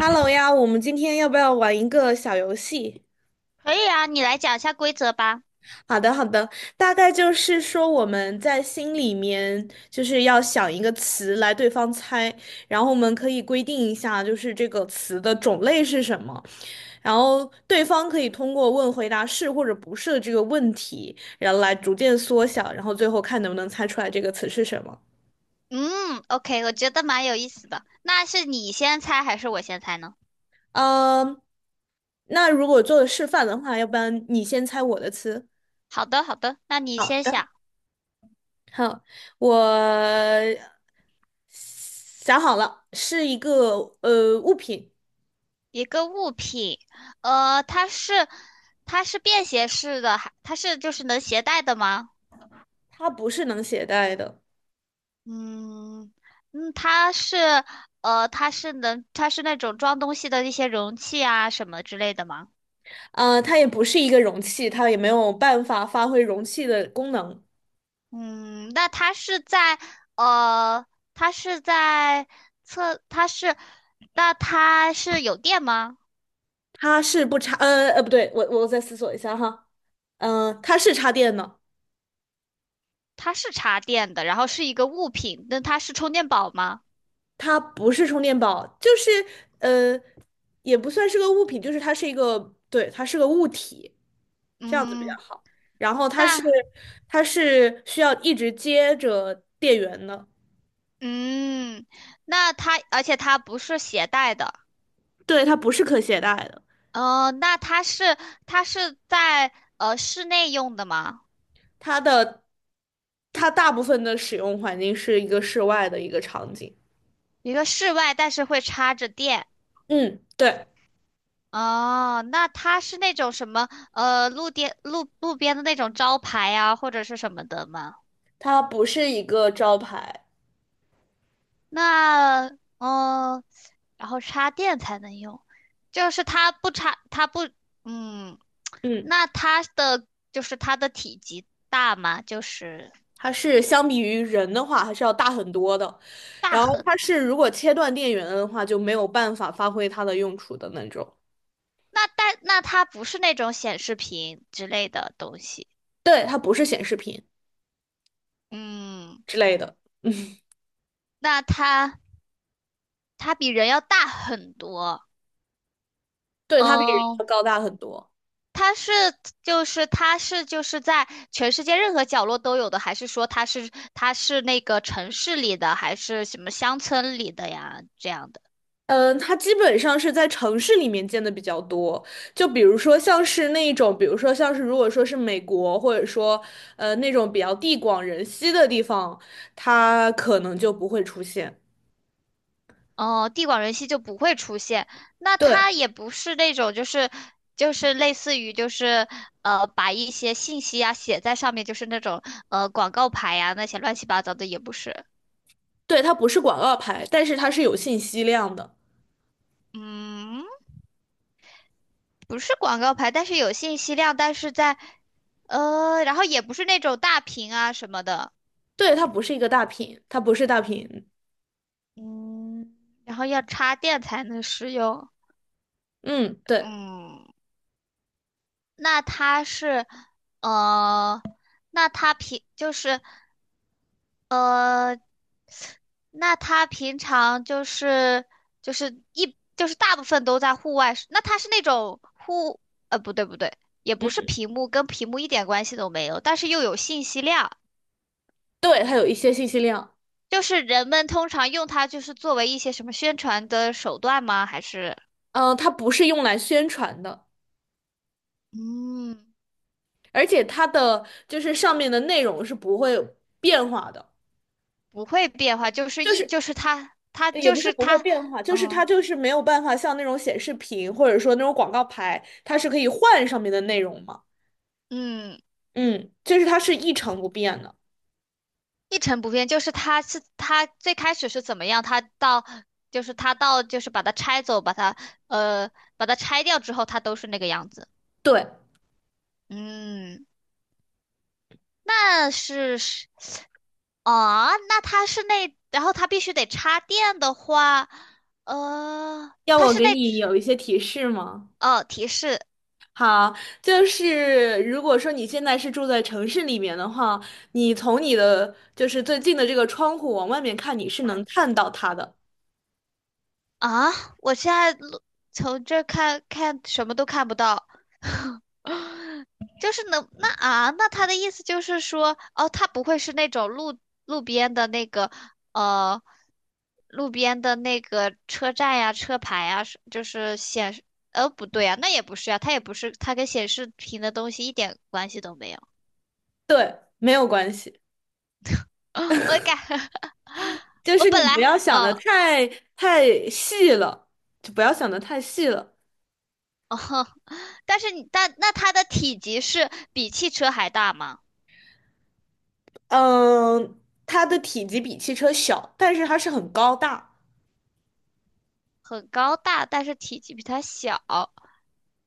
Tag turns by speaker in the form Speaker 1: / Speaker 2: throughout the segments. Speaker 1: Hello 呀，我们今天要不要玩一个小游戏？
Speaker 2: 可以啊，你来讲一下规则吧。
Speaker 1: 好的，好的，大概就是说我们在心里面就是要想一个词来对方猜，然后我们可以规定一下，就是这个词的种类是什么，然后对方可以通过问回答是或者不是的这个问题，然后来逐渐缩小，然后最后看能不能猜出来这个词是什么。
Speaker 2: 嗯，OK，我觉得蛮有意思的。那是你先猜还是我先猜呢？
Speaker 1: 嗯，那如果做示范的话，要不然你先猜我的词。
Speaker 2: 好的，好的，那你先
Speaker 1: 好。
Speaker 2: 想
Speaker 1: 好，我想好了，是一个物品，
Speaker 2: 一个物品。呃，它是它是便携式的，还就是能携带的吗？
Speaker 1: 它不是能携带的，
Speaker 2: 嗯嗯，它是那种装东西的一些容器啊什么之类的吗？
Speaker 1: 它也不是一个容器，它也没有办法发挥容器的功能，
Speaker 2: 嗯，呃，它是在测，它是，那它是有电吗？
Speaker 1: 它是不插，不对，我再思索一下哈，嗯、它是插电的。
Speaker 2: 它是插电的，然后是一个物品，那它是充电宝吗？
Speaker 1: 它不是充电宝，就是呃，也不算是个物品，就是它是一个，对，它是个物体，这样子比较
Speaker 2: 嗯，
Speaker 1: 好。然后它是
Speaker 2: 那
Speaker 1: 它是需要一直接着电源的，
Speaker 2: 嗯，那它而且它不是携带的。
Speaker 1: 对，它不是可携带的，
Speaker 2: 那它是在室内用的吗？
Speaker 1: 它的它大部分的使用环境是一个室外的一个场景。
Speaker 2: 一个室外，但是会插着电。
Speaker 1: 嗯，对，
Speaker 2: 哦，那它是那种什么路边的那种招牌啊，或者是什么的吗？
Speaker 1: 它不是一个招牌。
Speaker 2: 那呃，然后插电才能用，就是它不插，它不，嗯。
Speaker 1: 嗯。
Speaker 2: 那就是它的体积大吗？就是
Speaker 1: 它是相比于人的话还是要大很多的。
Speaker 2: 大
Speaker 1: 然后
Speaker 2: 很，
Speaker 1: 它是如果切断电源的话，就没有办法发挥它的用处的那种。
Speaker 2: 那它不是那种显示屏之类的东西。
Speaker 1: 对，它不是显示屏
Speaker 2: 嗯，
Speaker 1: 之类的。嗯，
Speaker 2: 那它比人要大很多。
Speaker 1: 对，它比人要
Speaker 2: 嗯、
Speaker 1: 高大很多。
Speaker 2: 它是它是在全世界任何角落都有的，还是说它是那个城市里的，还是什么乡村里的呀？这样的
Speaker 1: 嗯，它基本上是在城市里面见的比较多，就比如说像是那种，比如说像是如果说是美国，或者说那种比较地广人稀的地方，它可能就不会出现。
Speaker 2: 哦，地广人稀就不会出现。那
Speaker 1: 对，
Speaker 2: 它也不是那种就是类似于就是把一些信息啊写在上面，就是那种广告牌呀那些乱七八糟的也不是。
Speaker 1: 对，它不是广告牌，但是它是有信息量的。
Speaker 2: 嗯，不是广告牌，但是有信息量，但是在呃，然后也不是那种大屏啊什么的。
Speaker 1: 对，它不是一个大屏，
Speaker 2: 嗯，然后要插电才能使用。
Speaker 1: 嗯，对，
Speaker 2: 嗯，那它是，呃，那它平就是，那它平常就是就是一就是大部分都在户外使，那它是那种户，呃，不对不对，也不
Speaker 1: 嗯，
Speaker 2: 是屏幕，跟屏幕一点关系都没有，但是又有信息量。
Speaker 1: 对，它有一些信息量。
Speaker 2: 就是人们通常用它就是作为一些什么宣传的手段吗？还是
Speaker 1: 嗯、它不是用来宣传的，
Speaker 2: 嗯，
Speaker 1: 而且它的就是上面的内容是不会变化的，
Speaker 2: 不会变化。就是
Speaker 1: 就
Speaker 2: 一
Speaker 1: 是
Speaker 2: 就是它，它
Speaker 1: 也
Speaker 2: 就
Speaker 1: 不是
Speaker 2: 是
Speaker 1: 不会
Speaker 2: 它，
Speaker 1: 变化，就是
Speaker 2: 嗯
Speaker 1: 它就是没有办法像那种显示屏或者说那种广告牌，它是可以换上面的内容嘛。
Speaker 2: 嗯，
Speaker 1: 嗯，就是它是一成不变的。
Speaker 2: 一成不变，就是它是。它最开始是怎么样，它到就是它到就是把它拆走，呃把它拆掉之后，它都是那个样子。
Speaker 1: 对，
Speaker 2: 嗯，那是是那它是那，然后它必须得插电的话。呃，
Speaker 1: 要
Speaker 2: 它
Speaker 1: 我
Speaker 2: 是
Speaker 1: 给
Speaker 2: 那
Speaker 1: 你有一些提示吗？
Speaker 2: 哦，提示
Speaker 1: 好，就是如果说你现在是住在城市里面的话，你从你的就是最近的这个窗户往外面看，你是能看到它的。
Speaker 2: 啊。我现在录从这儿看看什么都看不到。就是能那啊，那他的意思就是说，哦，他不会是那种路边的那个呃，路边的那个车站呀、车牌呀，是就是显示，呃，不对啊，那也不是啊，它也不是，它跟显示屏的东西一点关系都没有。
Speaker 1: 对，没有关系，
Speaker 2: 我感，
Speaker 1: 就
Speaker 2: 我
Speaker 1: 是
Speaker 2: 本
Speaker 1: 你
Speaker 2: 来，
Speaker 1: 不要想的
Speaker 2: 嗯。
Speaker 1: 太细了，就不要想的太细了。
Speaker 2: 哦，但是你，但那它的体积是比汽车还大吗？
Speaker 1: 嗯，它的体积比汽车小，但是它是很高大。
Speaker 2: 很高大，但是体积比它小。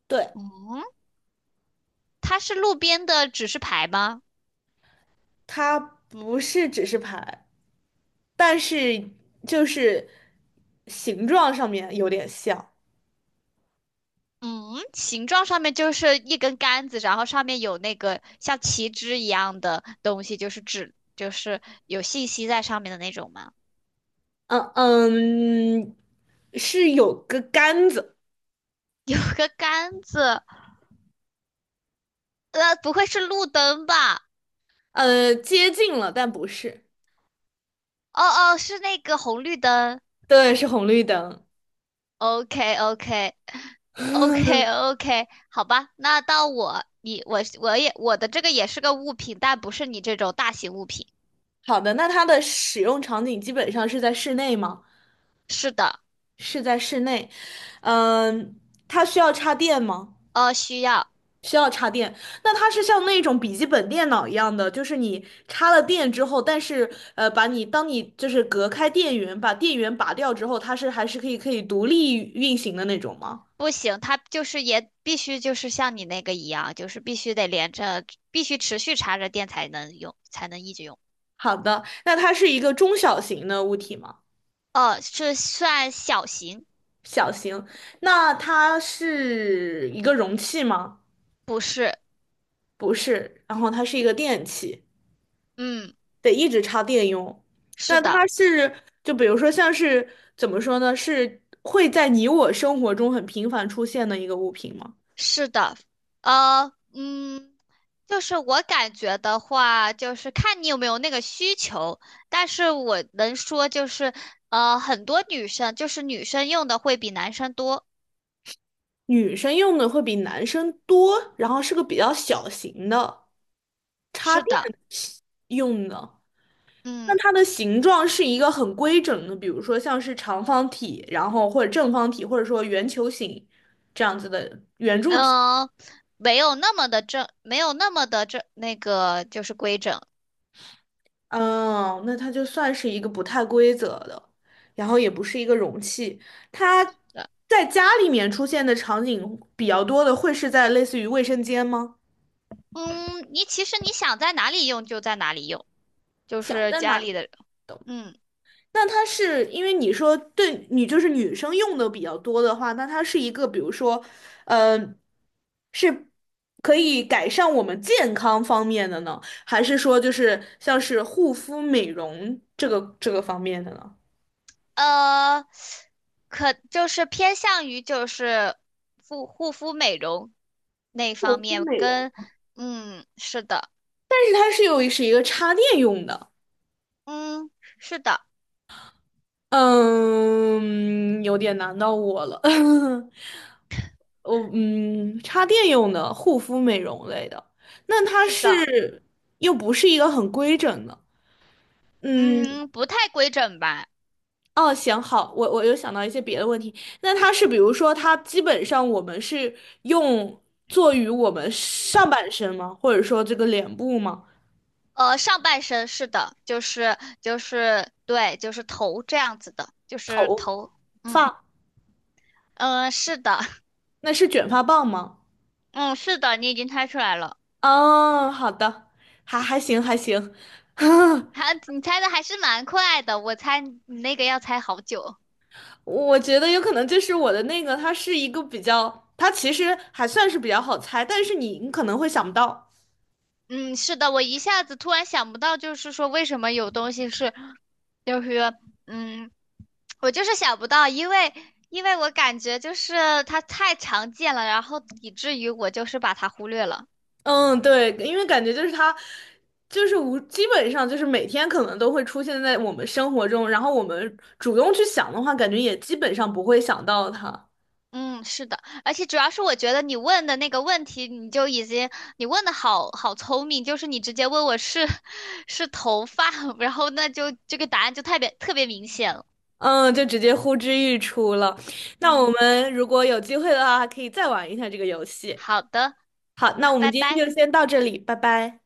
Speaker 1: 对，
Speaker 2: 嗯，它是路边的指示牌吗？
Speaker 1: 它不是指示牌，但是就是形状上面有点像。
Speaker 2: 嗯，形状上面就是一根杆子，然后上面有那个像旗帜一样的东西，就是指就是有信息在上面的那种吗？
Speaker 1: 嗯嗯，是有个杆子，
Speaker 2: 有个杆子。不会是路灯吧？
Speaker 1: 接近了，但不是，
Speaker 2: 哦哦，是那个红绿灯。
Speaker 1: 对，是红绿灯。
Speaker 2: OK OK OK OK，好吧。那到我，你我我也我的这个也是个物品，但不是你这种大型物品。
Speaker 1: 好的，那它的使用场景基本上是在室内吗？
Speaker 2: 是的。
Speaker 1: 是在室内。嗯，它需要插电吗？
Speaker 2: 需要。
Speaker 1: 需要插电。那它是像那种笔记本电脑一样的，就是你插了电之后，但是把你当你就是隔开电源，把电源拔掉之后，它是还是可以独立运行的那种吗？
Speaker 2: 不行，它就是也必须就是像你那个一样，就是必须得连着，必须持续插着电才能用，才能一直用。
Speaker 1: 好的，那它是一个中小型的物体吗？
Speaker 2: 哦，是算小型。
Speaker 1: 小型，那它是一个容器吗？
Speaker 2: 不是？
Speaker 1: 不是，然后它是一个电器，
Speaker 2: 嗯，
Speaker 1: 得一直插电用。
Speaker 2: 是
Speaker 1: 那
Speaker 2: 的。
Speaker 1: 它是，就比如说像是怎么说呢？是会在你我生活中很频繁出现的一个物品吗？
Speaker 2: 是的。呃，嗯，就是我感觉的话，就是看你有没有那个需求。但是我能说就是，很多女生用的会比男生多。
Speaker 1: 女生用的会比男生多，然后是个比较小型的插
Speaker 2: 是
Speaker 1: 电
Speaker 2: 的。
Speaker 1: 用的。那
Speaker 2: 嗯。
Speaker 1: 它的形状是一个很规整的，比如说像是长方体，然后或者正方体，或者说圆球形这样子的圆柱体。
Speaker 2: 嗯、没有那么的正，没有那么的正，那个就是规整
Speaker 1: 嗯，那它就算是一个不太规则的，然后也不是一个容器。它
Speaker 2: 的。
Speaker 1: 在家里面出现的场景比较多的，会是在类似于卫生间吗？
Speaker 2: 嗯，你其实你想在哪里用就在哪里用，就
Speaker 1: 想
Speaker 2: 是
Speaker 1: 在
Speaker 2: 家
Speaker 1: 哪
Speaker 2: 里
Speaker 1: 里？
Speaker 2: 的。嗯，
Speaker 1: 那它是因为你说对你就是女生用的比较多的话，那它是一个比如说，呃，是可以改善我们健康方面的呢，还是说就是像是护肤美容这个这个方面的呢？
Speaker 2: 呃，可就是偏向于就是护肤美容那方
Speaker 1: 护肤
Speaker 2: 面
Speaker 1: 美容，
Speaker 2: 跟，嗯，是的。
Speaker 1: 但是它是有是一个插电用的。
Speaker 2: 嗯，是的。
Speaker 1: 嗯，有点难到我了。我嗯，插电用的护肤美容类的，那它
Speaker 2: 是的。
Speaker 1: 是又不是一个很规整的。嗯，
Speaker 2: 嗯，不太规整吧。
Speaker 1: 哦，行，好，我又想到一些别的问题。那它是比如说，它基本上我们是用做于我们上半身吗？或者说这个脸部吗？
Speaker 2: 上半身是的。就是对，就是头这样子的，就是头。嗯
Speaker 1: 发，
Speaker 2: 嗯、是的。
Speaker 1: 那是卷发棒吗？
Speaker 2: 嗯是的，你已经猜出来了。
Speaker 1: 哦，好的，还还行
Speaker 2: 还你猜的还是蛮快的，我猜你那个要猜好久。
Speaker 1: 我觉得有可能就是我的那个，它是一个比较，它其实还算是比较好猜，但是你可能会想不到。
Speaker 2: 嗯是的，我一下子突然想不到，就是说为什么有东西是，就是嗯，我就是想不到。因为我感觉就是它太常见了，然后以至于我就是把它忽略了。
Speaker 1: 嗯，对，因为感觉就是它，就是无，基本上就是每天可能都会出现在我们生活中，然后我们主动去想的话，感觉也基本上不会想到它。
Speaker 2: 嗯，是的，而且主要是我觉得你问的那个问题，你就已经你问的好好聪明，就是你直接问我是 是头发，然后那就这个答案就特别特别明显了。
Speaker 1: 嗯，就直接呼之欲出了。那我
Speaker 2: 嗯，
Speaker 1: 们如果有机会的话，还可以再玩一下这个游戏。
Speaker 2: 好的，
Speaker 1: 好，那
Speaker 2: 那
Speaker 1: 我们
Speaker 2: 拜
Speaker 1: 今
Speaker 2: 拜。
Speaker 1: 天就先到这里，拜拜。